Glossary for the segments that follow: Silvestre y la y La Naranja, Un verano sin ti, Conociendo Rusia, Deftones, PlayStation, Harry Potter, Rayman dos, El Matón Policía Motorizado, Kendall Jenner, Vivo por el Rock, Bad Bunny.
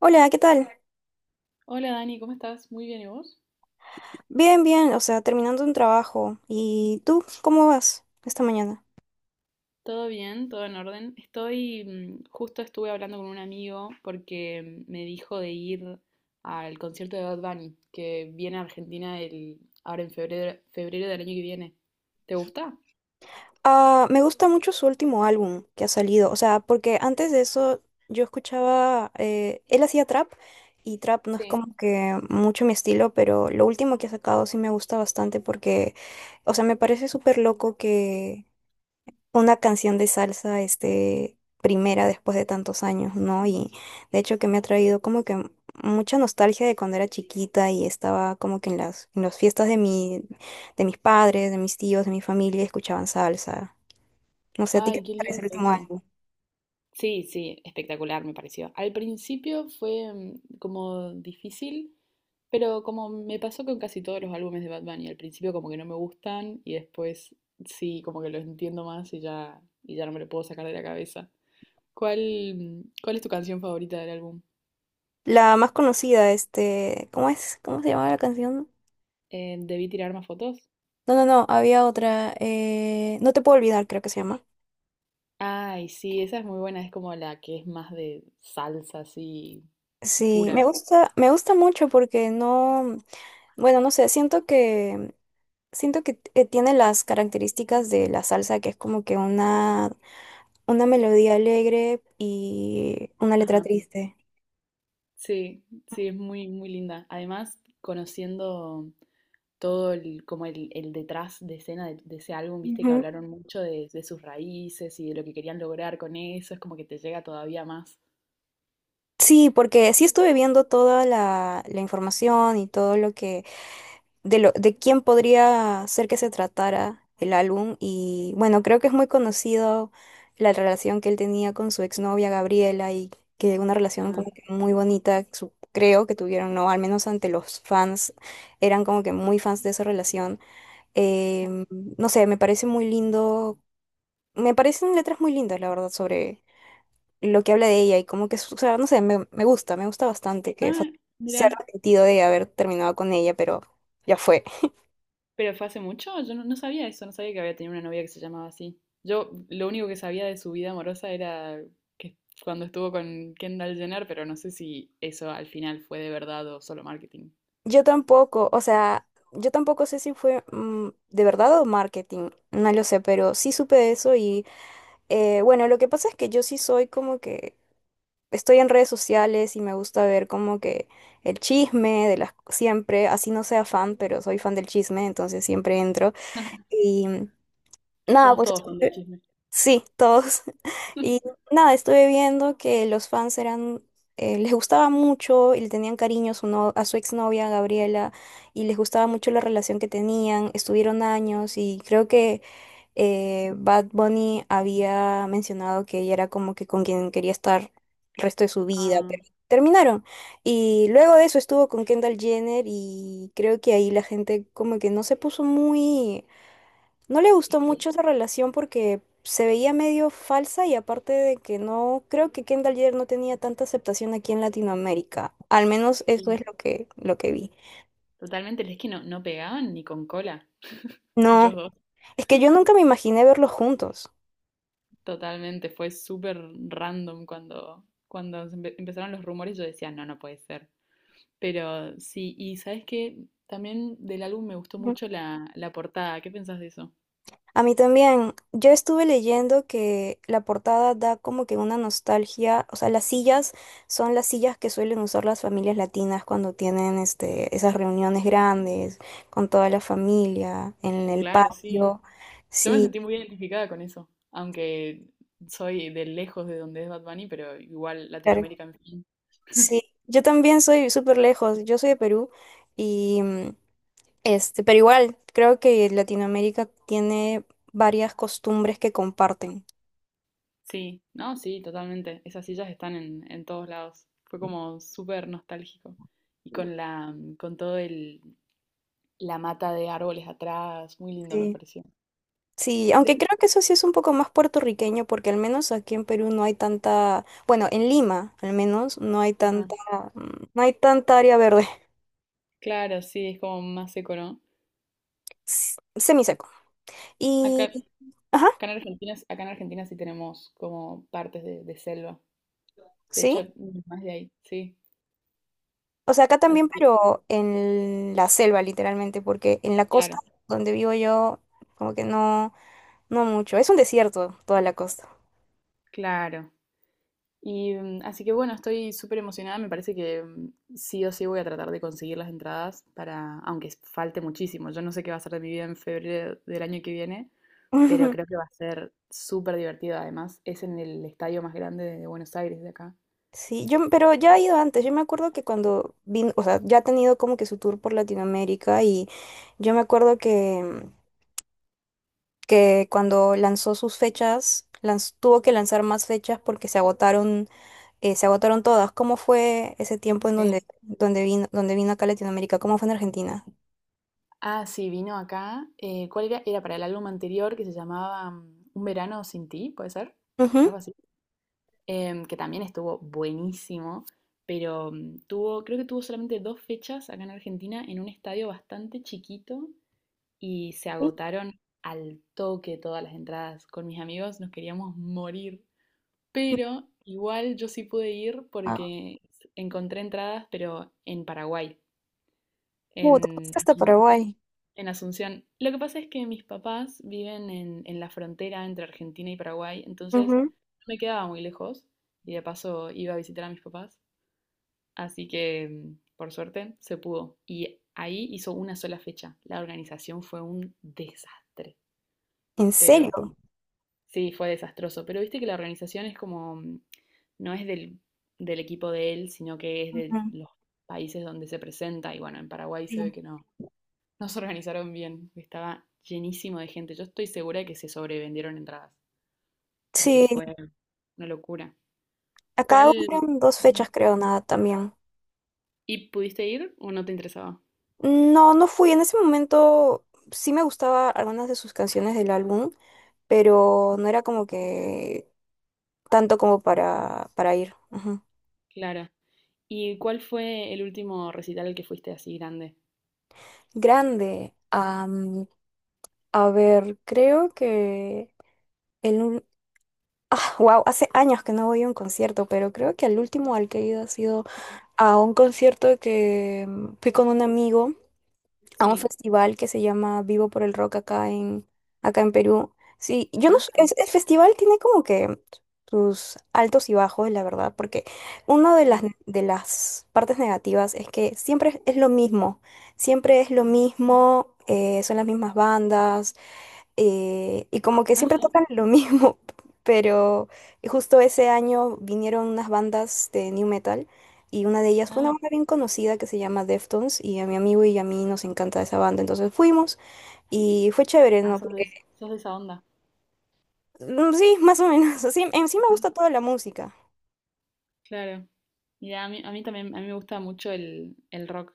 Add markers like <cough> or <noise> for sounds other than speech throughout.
Hola, ¿qué tal? Hola Dani, ¿cómo estás? Muy bien, ¿y vos? Bien, bien, o sea, terminando un trabajo. ¿Y tú, cómo vas esta mañana? Todo bien, todo en orden. Estoy, justo estuve hablando con un amigo porque me dijo de ir al concierto de Bad Bunny, que viene a Argentina ahora en febrero, febrero del año que viene. ¿Te gusta? Ah, me gusta mucho su último álbum que ha salido, o sea, porque antes de eso yo escuchaba, él hacía trap y trap no es Sí. como que mucho mi estilo, pero lo último que ha sacado sí me gusta bastante porque, o sea, me parece súper loco una canción de salsa, este, primera después de tantos años, ¿no? Y de hecho que me ha traído como que mucha nostalgia de cuando era chiquita y estaba como que en las fiestas de mis padres, de mis tíos, de mi familia, escuchaban salsa. No sé, ¿a ti qué Ay, te qué parece lindo el último eso. álbum? Sí, sí, espectacular me pareció. Al principio fue como difícil, pero como me pasó con casi todos los álbumes de Bad Bunny, al principio como que no me gustan y después sí, como que los entiendo más y ya no me lo puedo sacar de la cabeza. ¿Cuál es tu canción favorita del álbum? La más conocida, este, ¿cómo es? ¿Cómo se llamaba la canción? ¿Debí tirar más fotos? No, no, no, había otra, No te puedo olvidar, creo que se llama. Ay, sí, esa es muy buena, es como la que es más de salsa así Sí, pura. Me gusta mucho porque no, bueno, no sé, Siento que tiene las características de la salsa, que es como que una melodía alegre y una letra Ajá. triste. Sí, sí, es muy, muy linda. Además, conociendo todo el detrás de escena de ese álbum, viste que Ujú. hablaron mucho de sus raíces y de lo que querían lograr con eso, es como que te llega todavía más. Sí, porque sí estuve viendo toda la información y todo lo que de quién podría ser que se tratara el álbum. Y bueno, creo que es muy conocido la relación que él tenía con su exnovia Gabriela y que una relación Ajá. como que muy bonita, creo que tuvieron, no, al menos ante los fans, eran como que muy fans de esa relación. Em, no sé, me parece muy lindo, me parecen letras muy lindas, la verdad, sobre lo que habla de ella y como que, o sea, no sé, me gusta, me gusta bastante que Ah, se ha mira, arrepentido de haber terminado con ella, pero ya fue. pero fue hace mucho, yo no sabía eso, no sabía que había tenido una novia que se llamaba así. Yo lo único que sabía de su vida amorosa era que cuando estuvo con Kendall Jenner, pero no sé si eso al final fue de verdad o solo marketing. Yo tampoco, o sea, yo tampoco sé si fue de verdad o marketing, no lo sé, pero sí supe de eso y bueno, lo que pasa es que yo sí soy como que estoy en redes sociales y me gusta ver como que el chisme de las siempre, así no sea fan, pero soy fan del chisme, entonces siempre entro <laughs> y nada, Somos pues. todos fan del chisme. Sí, todos. <laughs> Y <laughs> nada, estuve viendo que los fans eran, les gustaba mucho y le tenían cariño a su, no- a su exnovia Gabriela y les gustaba mucho la relación que tenían, estuvieron años y creo que Bad Bunny había mencionado que ella era como que con quien quería estar el resto de su vida, Ah. pero terminaron. Y luego de eso estuvo con Kendall Jenner y creo que ahí la gente como que no se puso muy, no le Es gustó que mucho esa relación porque se veía medio falsa y aparte de que no, creo que Kendall Jenner no tenía tanta aceptación aquí en Latinoamérica. Al menos eso sí. es lo que vi. Totalmente, es que no, no pegaban ni con cola. <laughs> No, Ellos dos. es que yo nunca me imaginé verlos juntos. Totalmente, fue súper random cuando se empezaron los rumores, yo decía, no, no puede ser. Pero sí, y ¿sabes qué? También del álbum me gustó Ujú. mucho la portada. ¿Qué pensás de eso? A mí también, yo estuve leyendo que la portada da como que una nostalgia, o sea, las sillas son las sillas que suelen usar las familias latinas cuando tienen esas reuniones grandes con toda la familia en el Claro, sí. patio. Yo me Sí. sentí muy identificada con eso, aunque soy de lejos de donde es Bad Bunny, pero igual Claro. Latinoamérica, en fin. <laughs> Sí, yo también soy súper lejos, yo soy de Perú y este, pero igual creo que Latinoamérica tiene varias costumbres que comparten. Sí, no, sí, totalmente. Esas sillas están en todos lados. Fue como súper nostálgico. Y con con todo la mata de árboles atrás, muy lindo me Sí. pareció. Sí, aunque De- creo que eso sí es un poco más puertorriqueño porque al menos aquí en Perú no hay tanta, bueno, en Lima al menos no hay Ajá. tanta, mm, no hay tanta área verde, Claro, sí, es como más seco, ¿no? Semiseco. Acá, Y, ajá, acá acá en Argentina sí tenemos como partes de selva. De hecho, sí, más de ahí, sí. o sea, acá Así también, que, pero en la selva literalmente, porque en la costa claro, donde vivo yo, como que no. No mucho, es un desierto toda la costa. claro. Y así que bueno, estoy súper emocionada. Me parece que sí o sí voy a tratar de conseguir las entradas para, aunque falte muchísimo. Yo no sé qué va a ser de mi vida en febrero del año que viene, pero creo que <laughs> va a ser súper divertido. Además, es en el estadio más grande de Buenos Aires, de acá. Sí, yo, pero ya he ido antes. Yo me acuerdo que cuando vino, o sea, ya ha tenido como que su tour por Latinoamérica y yo me acuerdo que cuando lanzó sus fechas, tuvo que lanzar más fechas porque se agotaron todas. ¿Cómo fue ese tiempo en Sí. donde, donde vino acá a Latinoamérica? ¿Cómo fue en Argentina? Ah, sí, vino acá. ¿Cuál era? Era para el álbum anterior que se llamaba Un verano sin ti, ¿puede ser? Ujú. Algo así. Que también estuvo buenísimo, pero creo que tuvo solamente dos fechas acá en Argentina en un estadio bastante chiquito y se Sí. agotaron al toque todas las entradas. Con mis amigos nos queríamos morir, pero igual yo sí pude ir Ah, porque encontré entradas, pero en Paraguay, te en fuiste hasta Paraguay. en Asunción. Lo que pasa es que mis papás viven en la frontera entre Argentina y Paraguay, entonces Ujú. no me quedaba muy lejos y de paso iba a visitar a mis papás. Así que, por suerte, se pudo. Y ahí hizo una sola fecha. La organización fue un desastre, ¿En pero serio? sí, fue desastroso. Pero viste que la organización es como, no es del equipo de él, sino que es de Ujú. los países donde se presenta. Y bueno, en Paraguay se ve Sí. que no. Nos organizaron bien, estaba llenísimo de gente. Yo estoy segura de que se sobrevendieron entradas, porque Sí, fue una locura. acá ¿Cuál? hubieron dos Mm. fechas, creo, nada, también. ¿Y pudiste ir o no te interesaba? No, no fui. En ese momento sí me gustaba algunas de sus canciones del álbum, pero no era como que tanto como para ir. Ujú. Claro. ¿Y cuál fue el último recital al que fuiste así grande? Grande. A ver, creo que el... ul- Ah, wow, hace años que no voy a un concierto, pero creo que el último al que he ido ha sido Mm. a un concierto que fui con un amigo a un Sí. festival que se llama Vivo por el Rock acá en Perú. Sí, yo no Ah, sé, el festival tiene como que sus altos y bajos, la verdad, porque una de las, sí. de las partes negativas es que siempre es lo mismo, siempre es lo mismo, son las mismas bandas, y como que Ah, siempre tocan sí. lo mismo, <laughs> pero justo ese año vinieron unas bandas de new metal y una de ellas fue una Ah, banda bien conocida que se llama Deftones y a mi amigo y a mí nos encanta esa banda, entonces fuimos y fue chévere, ah, ¿no? sos Porque, de, sos de esa onda. Sí, más o menos, <laughs> sí, en sí me gusta toda la música. Claro. Mira, a mí también, a mí me gusta mucho el rock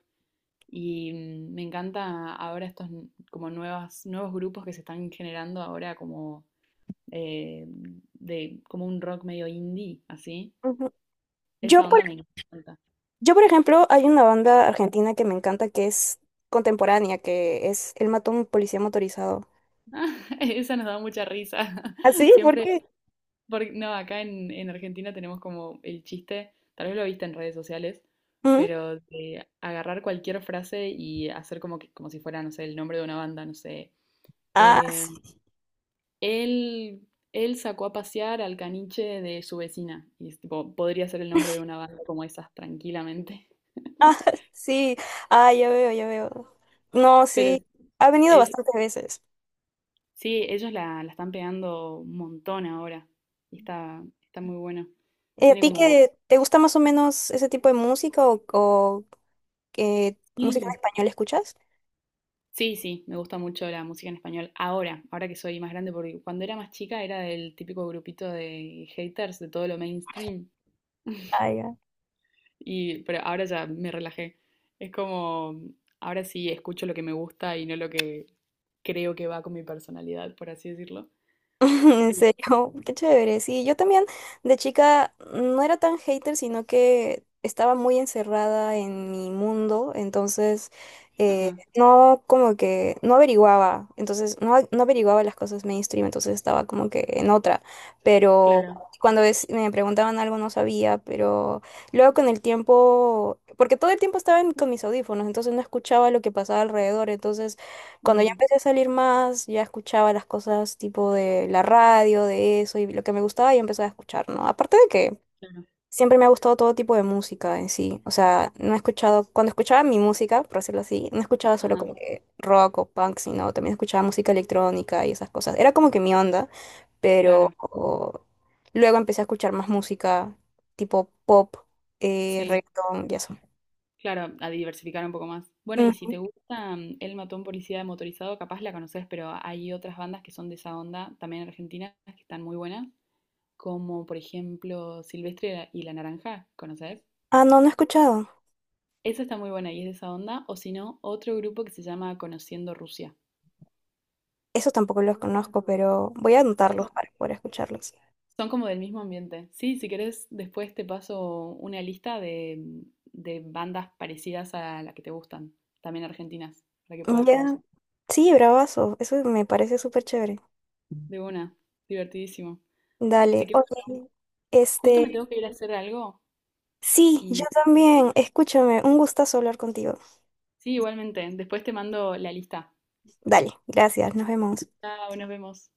y me encanta ahora estos como nuevos grupos que se están generando ahora como eh, de como un rock medio indie, así. Ujú. Yo Esa por, onda me encanta. yo, por ejemplo, hay una banda argentina que me encanta que es contemporánea, que es El Matón Policía Motorizado. <laughs> Esa nos da mucha risa. <laughs> ¿Ah, sí? ¿Por Siempre, qué? porque, no, acá en Argentina tenemos como el chiste, tal vez lo viste en redes sociales, Ujú. pero de agarrar cualquier frase y hacer como que, como si fuera, no sé, el nombre de una banda, no sé. Ah, eh, Él, él sacó a pasear al caniche de su vecina. Y es tipo, podría ser el nombre de una banda como esas, tranquilamente. <laughs> sí, ah, ya veo, ya veo. No, Pero sí, ha venido es, bastantes veces. sí, ellos la están pegando un montón ahora. Y está muy buena. ¿A Tiene ti como. que te gusta más o menos ese tipo de música o, qué música en Sí, español escuchas? sí, sí, me gusta mucho la música en español. Ahora que soy más grande, porque cuando era más chica era del típico grupito de haters de todo lo mainstream. Pero ahora ya me relajé. Es como, ahora sí escucho lo que me gusta y no lo que creo que va con mi personalidad, por así decirlo. <laughs> En Pero, serio, qué chévere. Sí, yo también de chica no era tan hater, sino que estaba muy encerrada en mi mundo, entonces ajá, no como que no averiguaba, entonces no, no averiguaba las cosas mainstream, entonces estaba como que en otra, pero claro. cuando me preguntaban algo no sabía, pero luego con el tiempo, porque todo el tiempo estaba con mis audífonos, entonces no escuchaba lo que pasaba alrededor. Entonces... Cuando ya Ujú, empecé a salir más, ya escuchaba las cosas tipo de la radio, de eso, y lo que me gustaba ya empecé a escuchar, ¿no? Aparte de que claro. siempre me ha gustado todo tipo de música en sí. O sea, no he escuchado, cuando escuchaba mi música, por decirlo así, no escuchaba solo Ajá, como que rock o punk, sino también escuchaba música electrónica y esas cosas. Era como que mi onda, pero claro. Luego empecé a escuchar más música tipo pop, Sí, reggaetón y eso. claro, a diversificar un poco más. Bueno, y si Ujú. te gusta El Matón Policía Motorizado, capaz la conoces, pero hay otras bandas que son de esa onda, también argentinas, que están muy buenas, como por ejemplo Silvestre y La Naranja, ¿conoces? Ah, no, no he escuchado. Esa está muy buena y es de esa onda, o si no, otro grupo que se llama Conociendo Rusia. Esos tampoco los conozco, pero voy a Son, anotarlos co- para poder escucharlos. son como del mismo ambiente. Sí, si querés, después te paso una lista de bandas parecidas a la que te gustan, también argentinas, para que puedas Ya. conocer. Sí, bravazo. Eso me parece súper chévere. De una, divertidísimo. Así Dale. que bueno, Oye, justo me este. tengo que ir a hacer algo Sí, y yo también. Escúchame. Un gustazo hablar contigo. sí, igualmente, después te mando la lista. Dale. Gracias. Nos vemos. Chao, nos vemos.